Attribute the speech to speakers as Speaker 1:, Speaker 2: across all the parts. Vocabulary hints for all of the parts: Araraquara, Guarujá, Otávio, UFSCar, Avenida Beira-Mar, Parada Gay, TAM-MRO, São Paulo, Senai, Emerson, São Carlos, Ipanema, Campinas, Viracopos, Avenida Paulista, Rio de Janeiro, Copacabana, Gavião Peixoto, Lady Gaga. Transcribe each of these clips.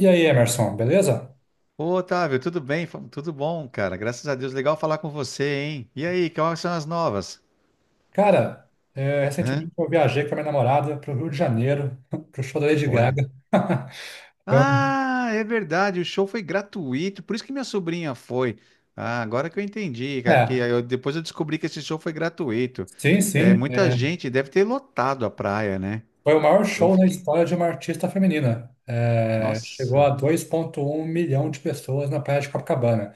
Speaker 1: E aí, Emerson, beleza?
Speaker 2: Ô, Otávio, tudo bem? Tudo bom, cara? Graças a Deus, legal falar com você, hein? E aí, quais são as novas?
Speaker 1: Cara,
Speaker 2: Hã?
Speaker 1: recentemente eu viajei com a minha namorada para o Rio de Janeiro, para o show da Lady
Speaker 2: Olha.
Speaker 1: Gaga. Foi um-
Speaker 2: Ah, é verdade, o show foi gratuito, por isso que minha sobrinha foi. Ah, agora que eu entendi, cara,
Speaker 1: É,
Speaker 2: depois eu descobri que esse show foi gratuito.
Speaker 1: sim,
Speaker 2: É,
Speaker 1: sim.
Speaker 2: muita gente deve ter lotado a praia, né?
Speaker 1: Foi o maior
Speaker 2: Eu
Speaker 1: show da
Speaker 2: fiquei,
Speaker 1: história de uma artista feminina. É, chegou a
Speaker 2: nossa,
Speaker 1: 2,1 milhão de pessoas na Praia de Copacabana.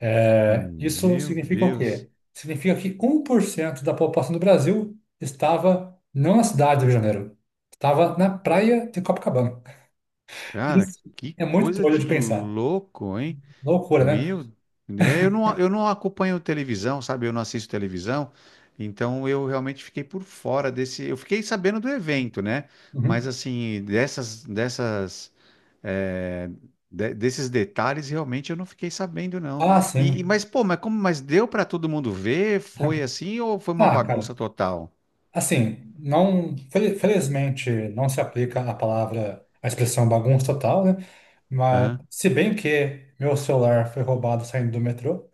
Speaker 1: É, isso
Speaker 2: meu
Speaker 1: significa o
Speaker 2: Deus,
Speaker 1: quê? Significa que 1% da população do Brasil estava não na cidade do Rio de Janeiro, estava na praia de Copacabana.
Speaker 2: cara,
Speaker 1: Isso
Speaker 2: que
Speaker 1: é muito
Speaker 2: coisa
Speaker 1: trolho
Speaker 2: de
Speaker 1: de pensar.
Speaker 2: louco, hein?
Speaker 1: Loucura, né?
Speaker 2: Meu, né, eu não acompanho televisão, sabe? Eu não assisto televisão, então eu realmente fiquei por fora desse. Eu fiquei sabendo do evento, né? Mas
Speaker 1: Uhum.
Speaker 2: assim, eh, desses detalhes realmente eu não fiquei sabendo, não.
Speaker 1: Ah, sim.
Speaker 2: Mas pô, mas como, mas deu para todo mundo ver? Foi assim ou foi uma
Speaker 1: Ah, cara,
Speaker 2: bagunça total?
Speaker 1: assim, não, felizmente não se aplica a palavra, a expressão bagunça total, né? Mas,
Speaker 2: Aham.
Speaker 1: se bem que meu celular foi roubado saindo do metrô,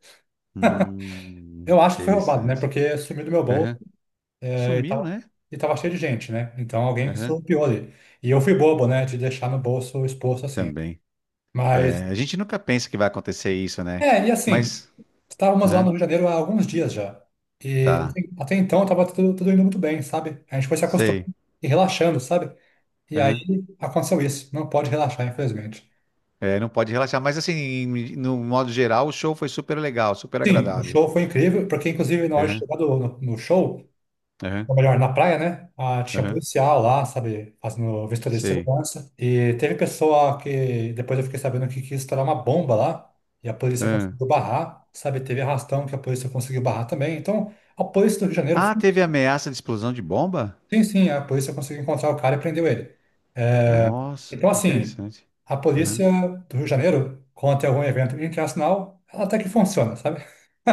Speaker 1: eu acho que foi roubado, né?
Speaker 2: Interessante.
Speaker 1: Porque sumiu do meu bolso,
Speaker 2: Aham.
Speaker 1: né? E
Speaker 2: Sumiu,
Speaker 1: tava,
Speaker 2: né?
Speaker 1: e tava cheio de gente, né? Então alguém
Speaker 2: Aham.
Speaker 1: surrupiou ali. E eu fui bobo, né? De deixar no bolso exposto assim.
Speaker 2: Também.
Speaker 1: Mas
Speaker 2: É, a gente nunca pensa que vai acontecer isso, né?
Speaker 1: E assim,
Speaker 2: Mas
Speaker 1: estávamos lá no Rio
Speaker 2: aham,
Speaker 1: de Janeiro há alguns dias já. E
Speaker 2: tá,
Speaker 1: assim, até então estava tudo, tudo indo muito bem, sabe? A gente foi se acostumando
Speaker 2: sei.
Speaker 1: e relaxando, sabe? E aí
Speaker 2: Aham.
Speaker 1: aconteceu isso. Não pode relaxar, infelizmente.
Speaker 2: É, não pode relaxar, mas assim, no modo geral, o show foi super legal, super
Speaker 1: Sim, o
Speaker 2: agradável.
Speaker 1: show foi incrível, porque inclusive na hora de
Speaker 2: Aham,
Speaker 1: chegar no show,
Speaker 2: aham,
Speaker 1: ou melhor, na praia, né? Ah, tinha
Speaker 2: aham,
Speaker 1: policial lá, sabe? Fazendo vistoria de
Speaker 2: sei.
Speaker 1: segurança. E teve pessoa que depois eu fiquei sabendo que quis estourar uma bomba lá. E a polícia
Speaker 2: Aham.
Speaker 1: conseguiu barrar, sabe? Teve arrastão que a polícia conseguiu barrar também. Então, a polícia do Rio de Janeiro.
Speaker 2: Ah, teve ameaça de explosão de bomba?
Speaker 1: Sim, sim, a polícia conseguiu encontrar o cara e prendeu ele. É,
Speaker 2: Nossa,
Speaker 1: então,
Speaker 2: que
Speaker 1: assim,
Speaker 2: interessante.
Speaker 1: a
Speaker 2: Aham,
Speaker 1: polícia do Rio de Janeiro, quando tem algum evento internacional, ela até que funciona, sabe?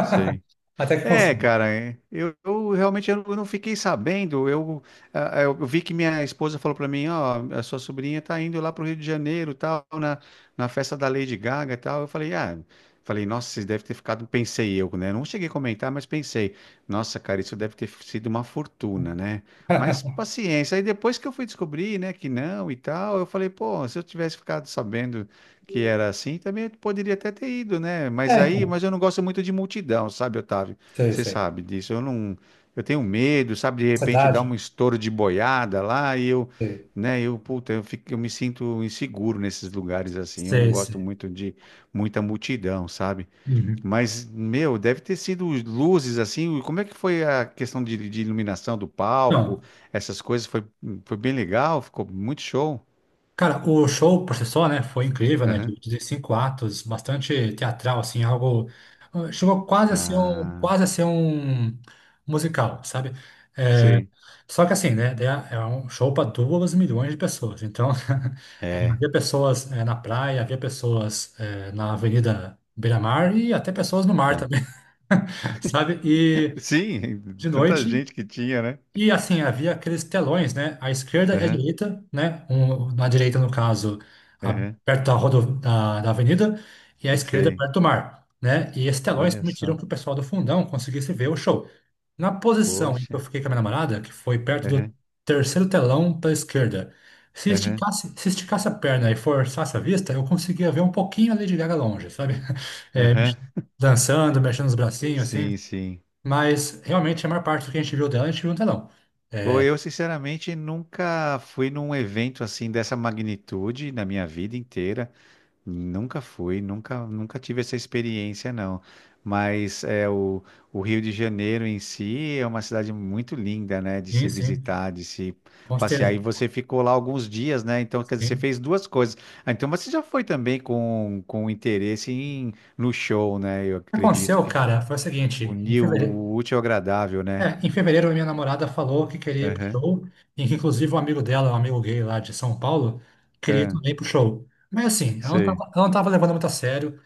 Speaker 2: sei.
Speaker 1: Até que
Speaker 2: É,
Speaker 1: funciona.
Speaker 2: cara, é. Eu realmente eu não fiquei sabendo. Eu, ah, eu vi que minha esposa falou para mim, ó, a sua sobrinha tá indo lá pro Rio de Janeiro, tal, na, na festa da Lady Gaga, e tal. Eu falei, ah, falei, nossa, vocês devem ter ficado, pensei eu, né? Não cheguei a comentar, mas pensei, nossa, cara, isso deve ter sido uma fortuna, né? Mas paciência. Aí depois que eu fui descobrir, né, que não e tal, eu falei, pô, se eu tivesse ficado sabendo que era assim, também eu poderia até ter ido, né? Mas
Speaker 1: É,
Speaker 2: aí,
Speaker 1: então,
Speaker 2: mas eu não gosto muito de multidão, sabe, Otávio?
Speaker 1: sei,
Speaker 2: Você
Speaker 1: sei.
Speaker 2: sabe disso. Eu não, eu tenho medo, sabe? De repente
Speaker 1: Sociedade,
Speaker 2: dá um estouro de boiada lá e eu,
Speaker 1: sei,
Speaker 2: né? Eu, puta, eu fico, eu me sinto inseguro nesses lugares assim. Eu não
Speaker 1: sei,
Speaker 2: gosto
Speaker 1: sei.
Speaker 2: muito de muita multidão, sabe?
Speaker 1: Uhum.
Speaker 2: Mas, meu, deve ter sido luzes assim. Como é que foi a questão de iluminação do palco?
Speaker 1: Então,
Speaker 2: Essas coisas foi, foi bem legal. Ficou muito show.
Speaker 1: cara, o show por si só, né, foi incrível, né?
Speaker 2: Aham.
Speaker 1: De cinco atos, bastante teatral, assim, algo. Chegou quase a ser um,
Speaker 2: Ah,
Speaker 1: musical, sabe?
Speaker 2: sim.
Speaker 1: Só que assim, né? Daí, é um show para 2 milhões de pessoas. Então,
Speaker 2: É,
Speaker 1: havia pessoas na praia, havia pessoas na Avenida Beira-Mar e até pessoas no mar
Speaker 2: tá.
Speaker 1: também, sabe? E
Speaker 2: Sim,
Speaker 1: de
Speaker 2: tanta
Speaker 1: noite
Speaker 2: gente que tinha, né?
Speaker 1: e assim, havia aqueles telões, né? À esquerda e à
Speaker 2: Aham,
Speaker 1: direita, né? Um, na direita, no caso, a-
Speaker 2: aham,
Speaker 1: perto da, rodo, da, da avenida, e à esquerda,
Speaker 2: sei.
Speaker 1: perto do mar, né? E esses telões
Speaker 2: Olha
Speaker 1: permitiram
Speaker 2: só,
Speaker 1: que o pessoal do fundão conseguisse ver o show. Na posição em que eu
Speaker 2: poxa.
Speaker 1: fiquei com a minha namorada, que foi perto do
Speaker 2: Aham,
Speaker 1: terceiro telão pela esquerda, se
Speaker 2: aham,
Speaker 1: esticasse, se esticasse a perna e forçasse a vista, eu conseguia ver um pouquinho a Lady Gaga longe, sabe? É, mex-
Speaker 2: aham.
Speaker 1: dançando, mexendo os bracinhos, assim.
Speaker 2: Sim, sim.
Speaker 1: Mas realmente a maior parte do que a gente viu dela, a gente viu no telão.
Speaker 2: Pô,
Speaker 1: É.
Speaker 2: eu sinceramente nunca fui num evento assim dessa magnitude na minha vida inteira. Nunca fui, nunca, nunca tive essa experiência, não. Mas é o Rio de Janeiro em si é uma cidade muito linda, né? De
Speaker 1: Sim,
Speaker 2: se
Speaker 1: sim,
Speaker 2: visitar, de se
Speaker 1: com
Speaker 2: passear. E
Speaker 1: certeza.
Speaker 2: você ficou lá alguns dias, né? Então, quer dizer, você
Speaker 1: Sim.
Speaker 2: fez duas coisas. Ah, então, você já foi também com interesse no show, né? Eu
Speaker 1: O que
Speaker 2: acredito
Speaker 1: aconteceu,
Speaker 2: que já
Speaker 1: cara, foi o seguinte,
Speaker 2: unir o útil ao agradável, né?
Speaker 1: em fevereiro a minha namorada falou que queria ir pro
Speaker 2: Aham,
Speaker 1: show, e que inclusive um amigo dela, um amigo gay lá de São Paulo, queria ir
Speaker 2: aham,
Speaker 1: também pro show. Mas assim, ela não
Speaker 2: sei.
Speaker 1: tava, ela não tava levando muito a sério.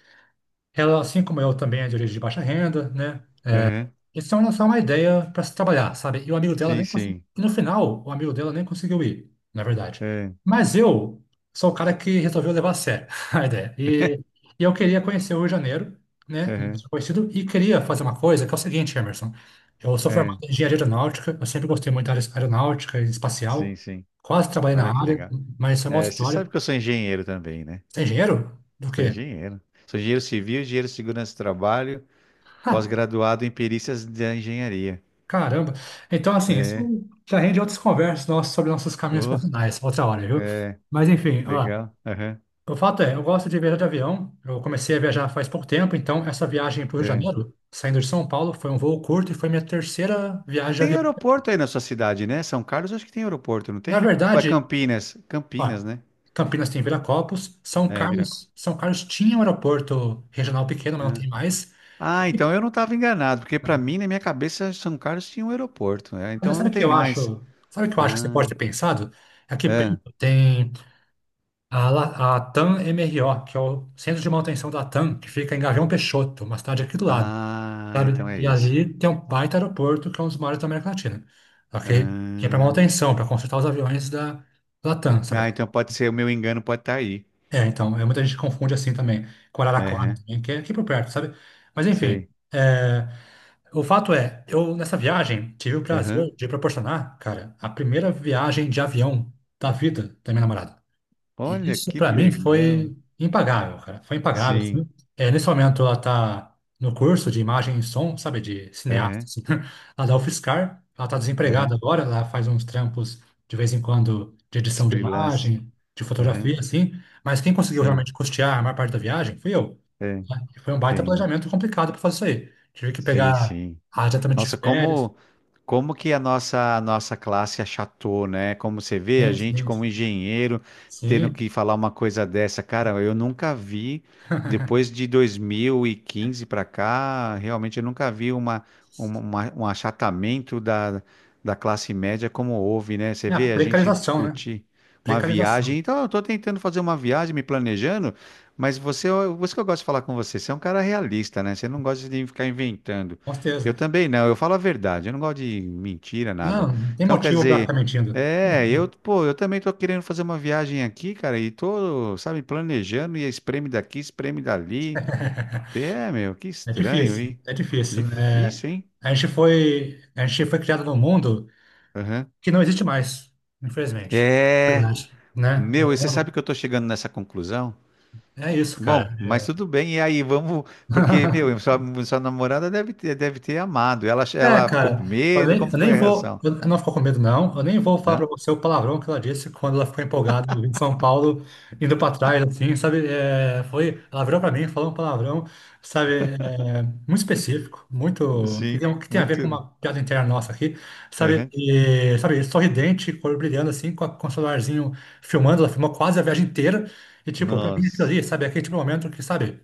Speaker 1: Ela, assim como eu, também é de origem de baixa renda, né?
Speaker 2: Aham,
Speaker 1: Isso é uma ideia para se trabalhar, sabe? E o amigo dela
Speaker 2: sim,
Speaker 1: nem conseguiu.
Speaker 2: sim.
Speaker 1: E no final, o amigo dela nem conseguiu ir, na verdade.
Speaker 2: Aham,
Speaker 1: Mas eu sou o cara que resolveu levar a sério a ideia. E eu queria conhecer o Rio de Janeiro, né? Eu
Speaker 2: aham,
Speaker 1: sou conhecido, e queria fazer uma coisa que é o seguinte, Emerson. Eu sou formado
Speaker 2: aham,
Speaker 1: em engenharia aeronáutica, eu sempre gostei muito da área aeronáutica e
Speaker 2: sim,
Speaker 1: espacial.
Speaker 2: sim.
Speaker 1: Quase trabalhei na
Speaker 2: Olha que
Speaker 1: área,
Speaker 2: legal.
Speaker 1: mas isso é uma
Speaker 2: É,
Speaker 1: outra
Speaker 2: você sabe
Speaker 1: história.
Speaker 2: que eu sou engenheiro também, né?
Speaker 1: Você é engenheiro? Do
Speaker 2: Sou
Speaker 1: quê?
Speaker 2: engenheiro. Sou engenheiro civil, engenheiro de segurança do trabalho, pós-graduado em perícias da engenharia.
Speaker 1: Caramba. Então, assim, isso
Speaker 2: É,
Speaker 1: já rende outras conversas nossas sobre nossos caminhos
Speaker 2: oh,
Speaker 1: profissionais, outra hora, viu?
Speaker 2: é,
Speaker 1: Mas, enfim, ó,
Speaker 2: legal. Aham,
Speaker 1: o fato é, eu gosto de viajar de avião. Eu comecei a viajar faz pouco tempo, então essa viagem para o Rio de
Speaker 2: é.
Speaker 1: Janeiro, saindo de São Paulo, foi um voo curto e foi minha terceira viagem de
Speaker 2: Tem
Speaker 1: avião.
Speaker 2: aeroporto aí na sua cidade, né? São Carlos, acho que tem aeroporto, não
Speaker 1: Na
Speaker 2: tem? Ou é
Speaker 1: verdade,
Speaker 2: Campinas? Campinas,
Speaker 1: ó,
Speaker 2: né?
Speaker 1: Campinas tem Viracopos, São
Speaker 2: É,
Speaker 1: Carlos,
Speaker 2: Viracopos.
Speaker 1: São Carlos tinha um aeroporto regional pequeno, mas não tem mais.
Speaker 2: Ah, então eu não estava enganado, porque para mim, na minha cabeça, São Carlos tinha um aeroporto, né?
Speaker 1: Mas
Speaker 2: Então
Speaker 1: sabe
Speaker 2: não
Speaker 1: o que
Speaker 2: tem
Speaker 1: eu
Speaker 2: mais.
Speaker 1: acho? Sabe o que eu acho que você pode
Speaker 2: Ah,
Speaker 1: ter pensado? Aqui perto
Speaker 2: ah,
Speaker 1: tem. A, a TAM-MRO, que é o Centro de Manutenção da TAM, que fica em Gavião Peixoto, uma cidade aqui do lado,
Speaker 2: ah,
Speaker 1: sabe?
Speaker 2: então é
Speaker 1: E
Speaker 2: isso.
Speaker 1: ali tem um baita aeroporto, que é um dos maiores da América Latina, ok? Que é para
Speaker 2: Ah,
Speaker 1: manutenção, para consertar os aviões da TAM, sabe?
Speaker 2: ah, então pode ser, o meu engano pode estar aí.
Speaker 1: É, então, muita gente confunde assim também, com Araraquara
Speaker 2: Aham,
Speaker 1: também, que é aqui por perto, sabe? Mas enfim,
Speaker 2: sei.
Speaker 1: é, o fato é, eu nessa viagem tive o
Speaker 2: Aham.
Speaker 1: prazer de proporcionar, cara, a primeira viagem de avião da vida da minha namorada. E
Speaker 2: Olha
Speaker 1: isso
Speaker 2: que
Speaker 1: para mim
Speaker 2: legal.
Speaker 1: foi impagável, cara. Foi impagável,
Speaker 2: Sim,
Speaker 1: assim. É, nesse momento ela tá no curso de imagem e som, sabe, de cineasta,
Speaker 2: aham,
Speaker 1: assim. Ela dá UFSCar, ela tá desempregada
Speaker 2: aham.
Speaker 1: agora, ela faz uns trampos de vez em quando de edição de
Speaker 2: Freelance.
Speaker 1: imagem, de
Speaker 2: Aham,
Speaker 1: fotografia, assim. Mas quem conseguiu
Speaker 2: sim,
Speaker 1: realmente custear a maior parte da viagem fui eu.
Speaker 2: é,
Speaker 1: Né? E foi um baita
Speaker 2: entendo.
Speaker 1: planejamento complicado para fazer isso aí. Tive que
Speaker 2: Sim,
Speaker 1: pegar
Speaker 2: sim.
Speaker 1: exatamente de
Speaker 2: Nossa,
Speaker 1: férias.
Speaker 2: como como que a nossa classe achatou, né? Como você vê, a
Speaker 1: Sim,
Speaker 2: gente
Speaker 1: sim,
Speaker 2: como
Speaker 1: sim.
Speaker 2: engenheiro tendo
Speaker 1: Sim.
Speaker 2: que falar uma coisa dessa, cara, eu nunca vi depois de 2015 para cá, realmente eu nunca vi um achatamento da classe média como houve, né? Você
Speaker 1: É a
Speaker 2: vê a gente
Speaker 1: precarização, né?
Speaker 2: discutir uma
Speaker 1: Precarização,
Speaker 2: viagem. Então, eu tô tentando fazer uma viagem, me planejando, mas você, por isso que eu gosto de falar com você, você é um cara realista, né? Você não gosta de ficar inventando.
Speaker 1: com certeza.
Speaker 2: Eu também não, eu falo a verdade, eu não gosto de mentira,
Speaker 1: Não,
Speaker 2: nada.
Speaker 1: não tem
Speaker 2: Então, quer
Speaker 1: motivo para ficar
Speaker 2: dizer,
Speaker 1: mentindo. Não tem
Speaker 2: é, eu,
Speaker 1: motivo.
Speaker 2: pô, eu também tô querendo fazer uma viagem aqui, cara, e tô, sabe, planejando e é espreme daqui, espreme dali. É, meu, que
Speaker 1: É
Speaker 2: estranho,
Speaker 1: difícil,
Speaker 2: hein?
Speaker 1: é difícil. É,
Speaker 2: Difícil, hein?
Speaker 1: a gente foi criado num mundo
Speaker 2: Aham.
Speaker 1: que não existe mais, infelizmente.
Speaker 2: É,
Speaker 1: Verdade. Né?
Speaker 2: meu, e você sabe que eu tô chegando nessa conclusão?
Speaker 1: É, é isso, cara.
Speaker 2: Bom, mas tudo bem, e aí, vamos, porque, meu, sua, sua namorada deve ter amado. Ela,
Speaker 1: É,
Speaker 2: ela ficou com
Speaker 1: cara, eu
Speaker 2: medo,
Speaker 1: nem,
Speaker 2: como
Speaker 1: eu nem
Speaker 2: foi a
Speaker 1: vou.
Speaker 2: reação?
Speaker 1: Eu não ficou com medo, não. Eu nem vou falar pra
Speaker 2: Não?
Speaker 1: você o palavrão que ela disse quando ela ficou empolgada em São Paulo, indo pra trás, assim, sabe? É, foi. Ela virou pra mim, falou um palavrão, sabe? Muito específico, muito. Que tem,
Speaker 2: Sim,
Speaker 1: um, que tem a
Speaker 2: muito.
Speaker 1: ver com uma piada interna nossa aqui, sabe?
Speaker 2: Uhum.
Speaker 1: E, sabe, sorridente, cor brilhando, assim, com o celularzinho filmando. Ela filmou quase a viagem inteira. E, tipo, pra mim, aquilo
Speaker 2: Nossa,
Speaker 1: ali, sabe? Aquele tipo de momento que, sabe?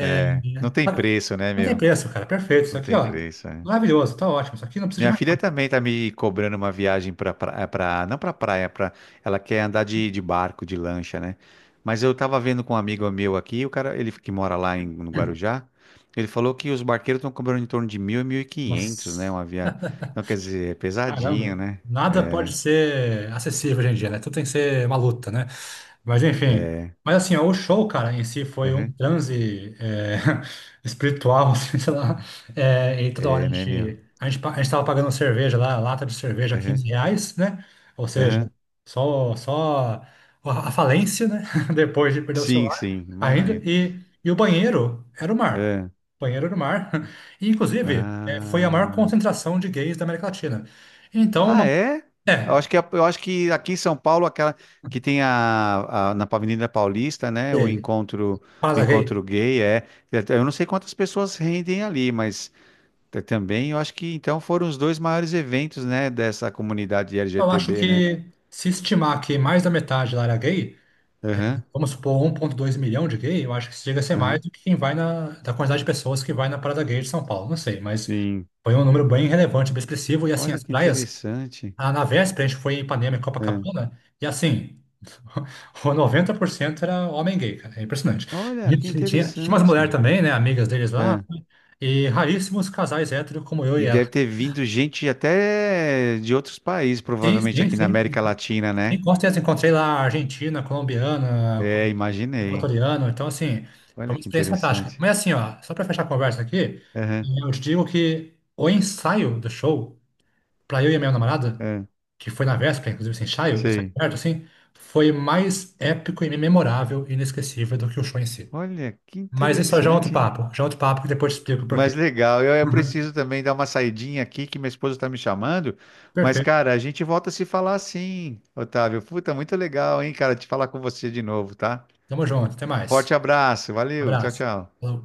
Speaker 2: é, não tem
Speaker 1: Cara,
Speaker 2: preço, né,
Speaker 1: não tem
Speaker 2: meu?
Speaker 1: preço, cara. Perfeito. Isso
Speaker 2: Não
Speaker 1: aqui,
Speaker 2: tem
Speaker 1: ó.
Speaker 2: preço, é.
Speaker 1: Maravilhoso. Tá ótimo. Isso aqui não precisa de
Speaker 2: Minha
Speaker 1: mais
Speaker 2: filha
Speaker 1: nada.
Speaker 2: também tá me cobrando uma viagem pra, pra, não pra praia, pra, ela quer andar de barco, de lancha, né? Mas eu tava vendo com um amigo meu aqui, o cara, ele que mora lá no Guarujá, ele falou que os barqueiros estão cobrando em torno de 1.000 e 1.500, né,
Speaker 1: Nossa,
Speaker 2: uma viagem. Então, quer dizer, é pesadinho,
Speaker 1: caramba.
Speaker 2: né?
Speaker 1: Nada pode ser acessível hoje em dia, né? Tudo tem que ser uma luta, né? Mas enfim,
Speaker 2: É,
Speaker 1: mas assim, ó, o show, cara, em si foi um
Speaker 2: uhum.
Speaker 1: transe espiritual, assim, sei lá. É, e toda hora a
Speaker 2: É, né, meu?
Speaker 1: gente, a gente, pa- a gente tava pagando cerveja lá, lata de cerveja, 15
Speaker 2: Uhum.
Speaker 1: reais, né? Ou seja,
Speaker 2: Uhum.
Speaker 1: só a falência, né? Depois de perder o
Speaker 2: Sim,
Speaker 1: celular
Speaker 2: sim,
Speaker 1: ainda.
Speaker 2: imagino.
Speaker 1: E o banheiro era o mar.
Speaker 2: É.
Speaker 1: O banheiro era o mar. E, inclusive, foi a maior
Speaker 2: Ah.
Speaker 1: concentração de gays da América Latina. Então,
Speaker 2: Ah, é? Eu
Speaker 1: é,
Speaker 2: acho que, eu acho que aqui em São Paulo, aquela que tem a, na Avenida Paulista, né?
Speaker 1: é,
Speaker 2: O
Speaker 1: casa gay.
Speaker 2: encontro gay é. Eu não sei quantas pessoas rendem ali, mas também eu acho que então foram os dois maiores eventos, né? Dessa comunidade
Speaker 1: Eu acho
Speaker 2: LGTB, né?
Speaker 1: que se estimar que mais da metade lá era gay,
Speaker 2: Aham,
Speaker 1: vamos supor 1,2 milhão de gay, eu acho que isso chega a ser mais
Speaker 2: aham.
Speaker 1: do que quem vai na, da quantidade de pessoas que vai na Parada Gay de São Paulo, não sei, mas
Speaker 2: Sim.
Speaker 1: foi um número bem relevante, bem expressivo, e assim,
Speaker 2: Olha
Speaker 1: as
Speaker 2: que
Speaker 1: praias,
Speaker 2: interessante.
Speaker 1: ah, na véspera a gente foi em Ipanema e
Speaker 2: É.
Speaker 1: Copacabana, e assim, o 90% era homem gay, cara, é impressionante.
Speaker 2: Olha
Speaker 1: E
Speaker 2: que
Speaker 1: tinha umas mulheres
Speaker 2: interessante.
Speaker 1: também, né, amigas deles lá,
Speaker 2: É.
Speaker 1: e raríssimos casais héteros como eu e
Speaker 2: E
Speaker 1: ela.
Speaker 2: deve ter vindo gente até de outros países,
Speaker 1: Sim,
Speaker 2: provavelmente
Speaker 1: sim,
Speaker 2: aqui na
Speaker 1: sim.
Speaker 2: América Latina, né?
Speaker 1: Sim, com certeza, encontrei lá argentina, colombiana,
Speaker 2: É, imaginei.
Speaker 1: equatoriano, então, assim, foi
Speaker 2: Olha
Speaker 1: uma
Speaker 2: que
Speaker 1: experiência fantástica.
Speaker 2: interessante.
Speaker 1: Mas, assim, ó, só para fechar a conversa aqui,
Speaker 2: Aham,
Speaker 1: eu te digo que o ensaio do show, para eu e a minha namorada,
Speaker 2: aham,
Speaker 1: que foi na véspera, inclusive, esse ensaio, ensaio
Speaker 2: sei.
Speaker 1: perto, assim, foi mais épico e memorável e inesquecível do que o show em si.
Speaker 2: Olha que
Speaker 1: Mas isso é já é outro
Speaker 2: interessante, hein?
Speaker 1: papo, já é outro papo que depois te explico por
Speaker 2: Mas
Speaker 1: quê.
Speaker 2: legal. Eu
Speaker 1: Uhum.
Speaker 2: preciso também dar uma saidinha aqui que minha esposa está me chamando. Mas,
Speaker 1: Perfeito,
Speaker 2: cara, a gente volta a se falar sim, Otávio. Puta, muito legal, hein, cara, te falar com você de novo, tá?
Speaker 1: tamo junto, até mais.
Speaker 2: Forte abraço. Valeu. Tchau,
Speaker 1: Abraço.
Speaker 2: tchau.
Speaker 1: Falou.